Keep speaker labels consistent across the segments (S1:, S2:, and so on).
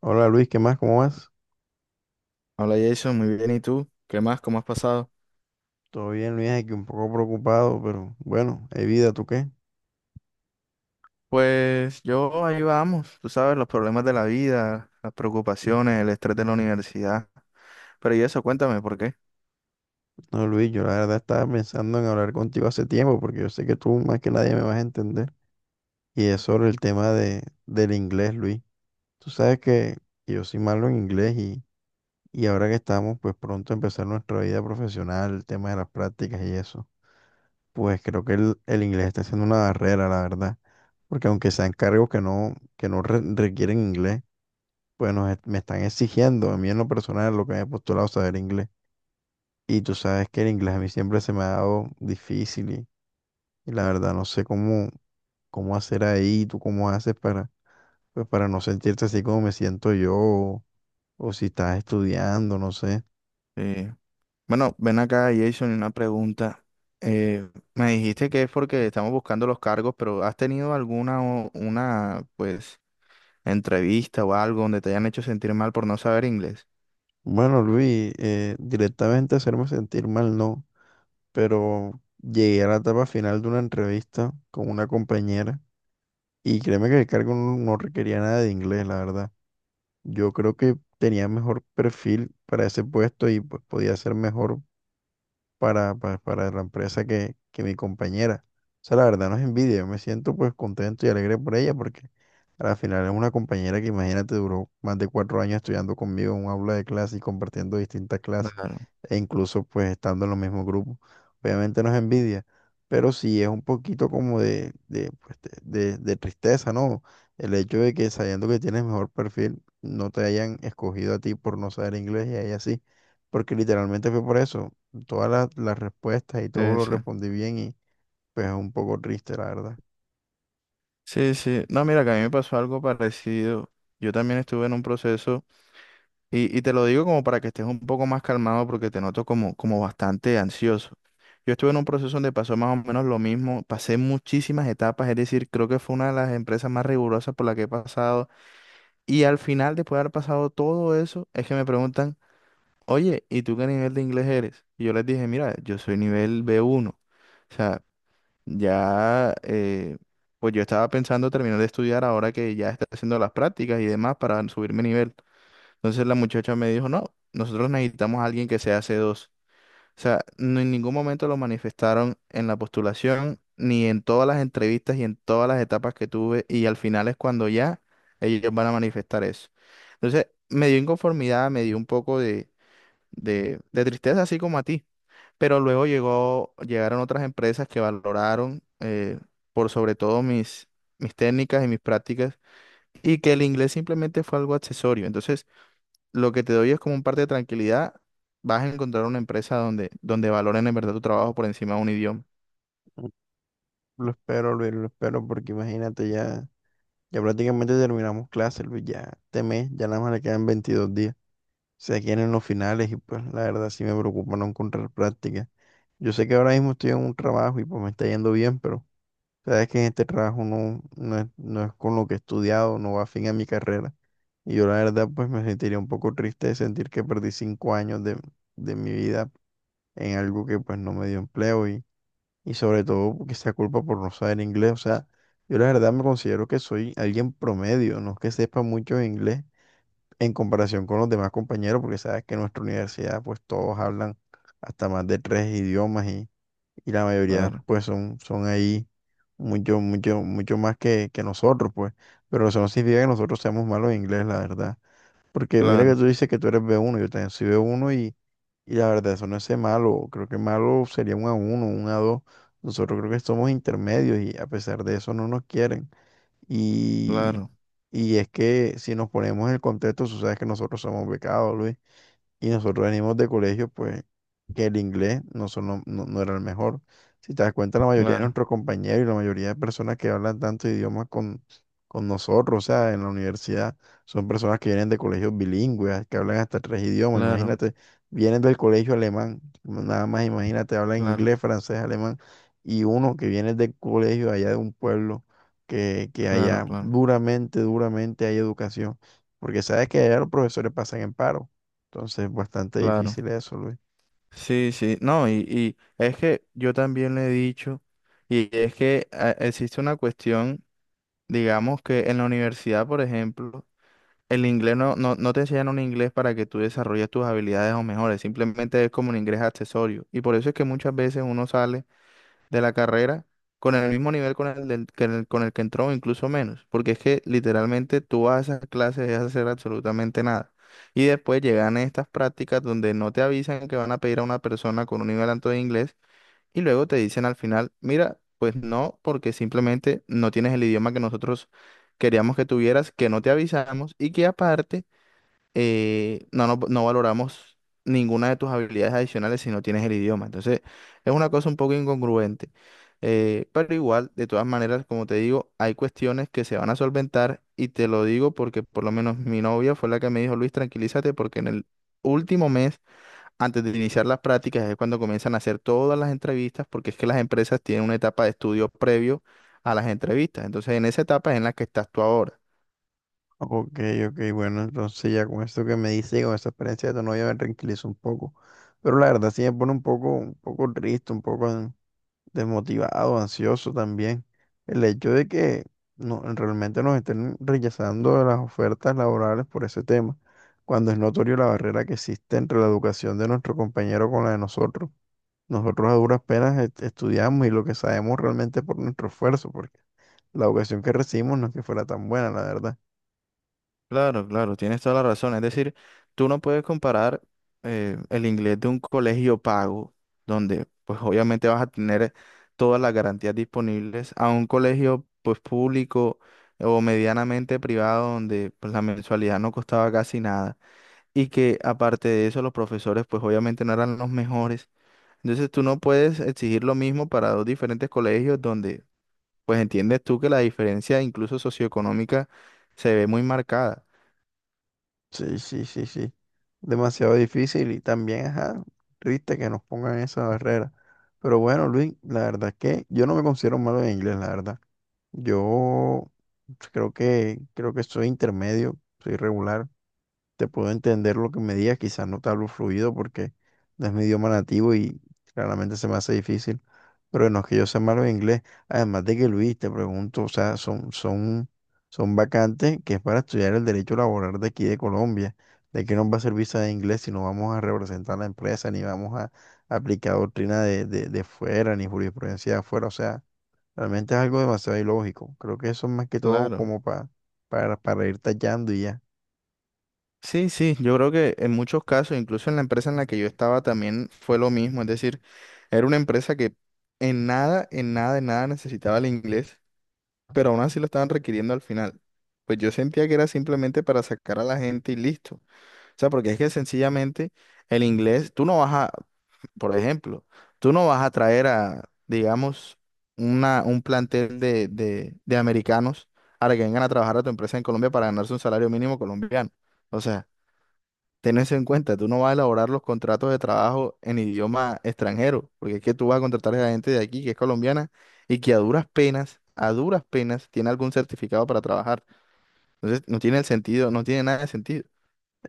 S1: Hola Luis, ¿qué más? ¿Cómo vas?
S2: Hola Jason, muy bien. ¿Y tú? ¿Qué más? ¿Cómo has pasado?
S1: Todo bien, Luis, aquí un poco preocupado, pero bueno, hay vida, ¿tú qué?
S2: Pues yo ahí vamos, tú sabes, los problemas de la vida, las preocupaciones, el estrés de la universidad. Pero y eso, cuéntame, ¿por qué?
S1: No, Luis, yo la verdad estaba pensando en hablar contigo hace tiempo, porque yo sé que tú más que nadie me vas a entender. Y es sobre el tema del inglés, Luis. Tú sabes que yo soy malo en inglés y ahora que estamos, pues pronto a empezar nuestra vida profesional, el tema de las prácticas y eso, pues creo que el inglés está siendo una barrera, la verdad. Porque aunque sean cargos que no requieren inglés. Bueno, me están exigiendo a mí en lo personal lo que me he postulado saber inglés. Y tú sabes que el inglés a mí siempre se me ha dado difícil y la verdad no sé cómo, cómo hacer ahí, tú cómo haces para, pues para no sentirte así como me siento yo, o si estás estudiando, no sé.
S2: Eh, bueno, ven acá Jason, y una pregunta. Eh, Me dijiste que es porque estamos buscando los cargos, pero ¿has tenido alguna una, pues, entrevista o algo donde te hayan hecho sentir mal por no saber inglés?
S1: Bueno, Luis, directamente hacerme sentir mal no, pero llegué a la etapa final de una entrevista con una compañera y créeme que el cargo no requería nada de inglés, la verdad. Yo creo que tenía mejor perfil para ese puesto y pues podía ser mejor para, para la empresa que mi compañera. O sea, la verdad no es envidia, yo me siento pues contento y alegre por ella porque al final es una compañera que imagínate duró más de 4 años estudiando conmigo en un aula de clase y compartiendo distintas clases
S2: Claro,
S1: e incluso pues estando en los mismos grupos. Obviamente no es envidia, pero sí es un poquito como pues, de tristeza, ¿no? El hecho de que sabiendo que tienes mejor perfil, no te hayan escogido a ti por no saber inglés y a ella sí, porque literalmente fue por eso todas las respuestas y todo
S2: sí,
S1: lo
S2: sí.
S1: respondí bien, y pues es un poco triste, la verdad.
S2: Sí, sí. No, mira, que a mí me pasó algo parecido. Yo también estuve en un proceso. Y te lo digo como para que estés un poco más calmado porque te noto como, como bastante ansioso. Yo estuve en un proceso donde pasó más o menos lo mismo, pasé muchísimas etapas, es decir, creo que fue una de las empresas más rigurosas por la que he pasado. Y al final, después de haber pasado todo eso, es que me preguntan, oye, ¿y tú qué nivel de inglés eres? Y yo les dije, mira, yo soy nivel B1. O sea, ya, pues yo estaba pensando terminar de estudiar ahora que ya está haciendo las prácticas y demás para subir mi nivel. Entonces la muchacha me dijo, no, nosotros necesitamos a alguien que sea C2. O sea, no en ningún momento lo manifestaron en la postulación, ni en todas las entrevistas y en todas las etapas que tuve, y al final es cuando ya ellos van a manifestar eso. Entonces me dio inconformidad, me dio un poco de tristeza, así como a ti. Pero luego llegó, llegaron otras empresas que valoraron por sobre todo mis técnicas y mis prácticas, y que el inglés simplemente fue algo accesorio. Entonces, lo que te doy es como un parte de tranquilidad. Vas a encontrar una empresa donde, donde valoren en verdad tu trabajo por encima de un idioma.
S1: Lo espero, Luis, lo espero porque imagínate ya, ya prácticamente terminamos clases, Luis, ya este mes, ya nada más le quedan 22 días. Se quieren los finales y pues la verdad sí me preocupa no encontrar práctica. Yo sé que ahora mismo estoy en un trabajo y pues me está yendo bien, pero sabes que en este trabajo no es con lo que he estudiado, no va a fin a mi carrera. Y yo la verdad pues me sentiría un poco triste de sentir que perdí 5 años de mi vida en algo que pues no me dio empleo y sobre todo que sea culpa por no saber inglés. O sea, yo la verdad me considero que soy alguien promedio, no es que sepa mucho inglés en comparación con los demás compañeros, porque sabes que en nuestra universidad pues todos hablan hasta más de tres idiomas y la mayoría
S2: Claro,
S1: pues son ahí mucho, mucho, mucho más que nosotros pues, pero eso no significa que nosotros seamos malos en inglés, la verdad. Porque mira que
S2: claro,
S1: tú dices que tú eres B1, yo también soy B1 y la verdad eso no es ser malo, creo que malo sería un a uno un a dos, nosotros creo que somos intermedios y a pesar de eso no nos quieren. Y,
S2: claro,
S1: y es que si nos ponemos en el contexto, tú sabes que nosotros somos becados, Luis. Y nosotros venimos de colegios, pues, que el inglés no, son lo- no, no era el mejor. Si te das cuenta, la mayoría de
S2: claro,
S1: nuestros compañeros y la mayoría de personas que hablan tantos idiomas con nosotros, o sea, en la universidad, son personas que vienen de colegios bilingües, que hablan hasta tres idiomas.
S2: claro,
S1: Imagínate, vienen del colegio alemán, nada más imagínate, hablan
S2: claro,
S1: inglés, francés, alemán, y uno que viene del colegio allá de un pueblo, que
S2: claro,
S1: allá
S2: claro,
S1: duramente, duramente hay educación. Porque sabes que allá los profesores pasan en paro. Entonces, bastante
S2: claro.
S1: difícil eso, Luis.
S2: Sí, sí, no, y es que yo también le he dicho, y es que existe una cuestión, digamos que en la universidad, por ejemplo, el inglés no te enseñan un inglés para que tú desarrolles tus habilidades o mejores, simplemente es como un inglés accesorio. Y por eso es que muchas veces uno sale de la carrera con el mismo nivel con el, del- que el- con el que entró, o incluso menos, porque es que literalmente tú vas a esas clases y vas a hacer absolutamente nada. Y después llegan estas prácticas donde no te avisan que van a pedir a una persona con un nivel alto de inglés y luego te dicen al final, mira, pues no, porque simplemente no tienes el idioma que nosotros queríamos que tuvieras, que no te avisamos y que aparte no valoramos ninguna de tus habilidades adicionales si no tienes el idioma. Entonces, es una cosa un poco incongruente. Pero igual, de todas maneras, como te digo, hay cuestiones que se van a solventar y te lo digo porque por lo menos mi novia fue la que me dijo, Luis, tranquilízate porque en el último mes, antes de iniciar las prácticas, es cuando comienzan a hacer todas las entrevistas porque es que las empresas tienen una etapa de estudio previo a las entrevistas. Entonces, en esa etapa es en la que estás tú ahora.
S1: Ok, ok, bueno, entonces ya con esto que me dice, y con esta experiencia de tu novia me tranquilizo un poco. Pero la verdad sí me pone un poco triste, un poco desmotivado, ansioso también. El hecho de que no, realmente nos estén rechazando las ofertas laborales por ese tema, cuando es notorio la barrera que existe entre la educación de nuestro compañero con la de nosotros. Nosotros a duras penas estudiamos y lo que sabemos realmente es por nuestro esfuerzo, porque la educación que recibimos no es que fuera tan buena, la verdad.
S2: Claro, claro, tienes toda la razón. Es decir, tú no puedes comparar el inglés de un colegio pago, donde pues obviamente vas a tener todas las garantías disponibles, a un colegio pues público o medianamente privado, donde pues la mensualidad no costaba casi nada y que aparte de eso los profesores pues obviamente no eran los mejores. Entonces tú no puedes exigir lo mismo para dos diferentes colegios donde pues entiendes tú que la diferencia incluso socioeconómica se ve muy marcada.
S1: Sí, sí, sí, sí. Demasiado difícil y también, ajá, triste que nos pongan esa barrera. Pero bueno, Luis, la verdad es que yo no me considero malo en inglés, la verdad. Yo creo que soy intermedio, soy regular. Te puedo entender lo que me digas, quizás no te hablo fluido porque no es mi idioma nativo y claramente se me hace difícil, pero no es que yo sea malo en inglés, además de que, Luis, te pregunto, o sea, son vacantes que es para estudiar el derecho laboral de aquí de Colombia, ¿de qué nos va a servir saber inglés si no vamos a representar la empresa, ni vamos a aplicar doctrina de fuera, ni jurisprudencia de afuera? O sea, realmente es algo demasiado ilógico, creo que eso es más que todo
S2: Claro.
S1: como para, ir tallando y ya.
S2: Sí, sí, yo creo que en muchos casos, incluso en la empresa en la que yo estaba también fue lo mismo, es decir, era una empresa que en nada, en nada, en nada necesitaba el inglés, pero aún así lo estaban requiriendo al final. Pues yo sentía que era simplemente para sacar a la gente y listo. O sea, porque es que sencillamente el inglés, tú no vas a, por ejemplo, tú no vas a traer a, digamos, un plantel de americanos a que vengan a trabajar a tu empresa en Colombia para ganarse un salario mínimo colombiano. O sea, ten eso en cuenta, tú no vas a elaborar los contratos de trabajo en idioma extranjero, porque es que tú vas a contratar a gente de aquí que es colombiana y que a duras penas, tiene algún certificado para trabajar. Entonces, no tiene el sentido, no tiene nada de sentido.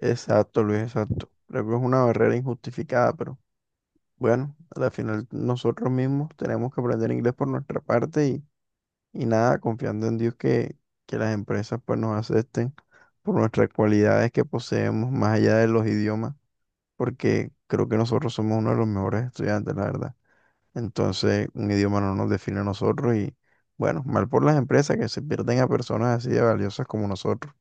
S1: Exacto, Luis, exacto. Creo que es una barrera injustificada, pero bueno, al final nosotros mismos tenemos que aprender inglés por nuestra parte y nada, confiando en Dios que las empresas pues nos acepten por nuestras cualidades que poseemos más allá de los idiomas, porque creo que nosotros somos uno de los mejores estudiantes, la verdad. Entonces, un idioma no nos define a nosotros y bueno, mal por las empresas que se pierden a personas así de valiosas como nosotros.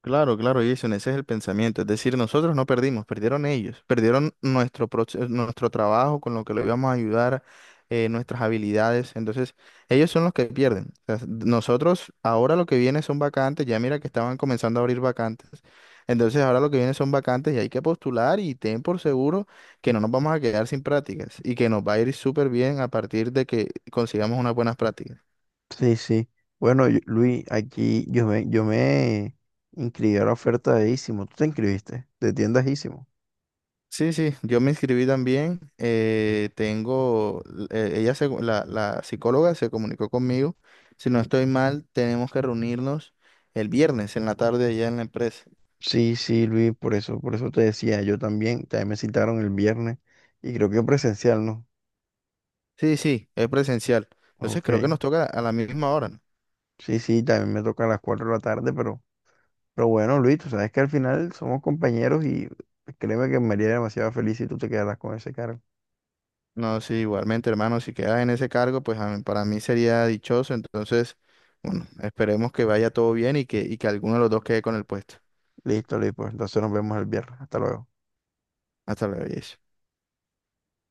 S2: Claro, claro, Jason, ese es el pensamiento. Es decir, nosotros no perdimos, perdieron ellos, perdieron nuestro trabajo con lo que le íbamos a ayudar, nuestras habilidades. Entonces, ellos son los que pierden. O sea, nosotros ahora lo que viene son vacantes, ya mira que estaban comenzando a abrir vacantes. Entonces, ahora lo que viene son vacantes y hay que postular y ten por seguro que no nos vamos a quedar sin prácticas y que nos va a ir súper bien a partir de que consigamos unas buenas prácticas.
S1: Sí, sí. Bueno, Luis, aquí yo me inscribí a la oferta de Isimo. ¿Tú te inscribiste? De tiendas Isimo.
S2: Sí, sí, yo me inscribí también. Ella la, la psicóloga se comunicó conmigo. Si no estoy mal, tenemos que reunirnos el viernes en la tarde allá en la empresa.
S1: Sí, sí, Luis, por eso te decía, yo también me citaron el viernes y creo que presencial, ¿no?
S2: Sí, sí, es presencial. Entonces creo que
S1: Ok.
S2: nos toca a la misma hora, ¿no?
S1: Sí, sí, también me toca a las 4 de la tarde, pero bueno, Luis, tú sabes que al final somos compañeros y créeme que me haría demasiado feliz si tú te quedaras con ese cargo.
S2: No, sí, igualmente, hermano, si quedas en ese cargo, para mí sería dichoso. Entonces, bueno, esperemos que vaya todo bien y que alguno de los dos quede con el puesto.
S1: Listo, Luis, pues entonces nos vemos el viernes. Hasta luego.
S2: Hasta luego, Jason.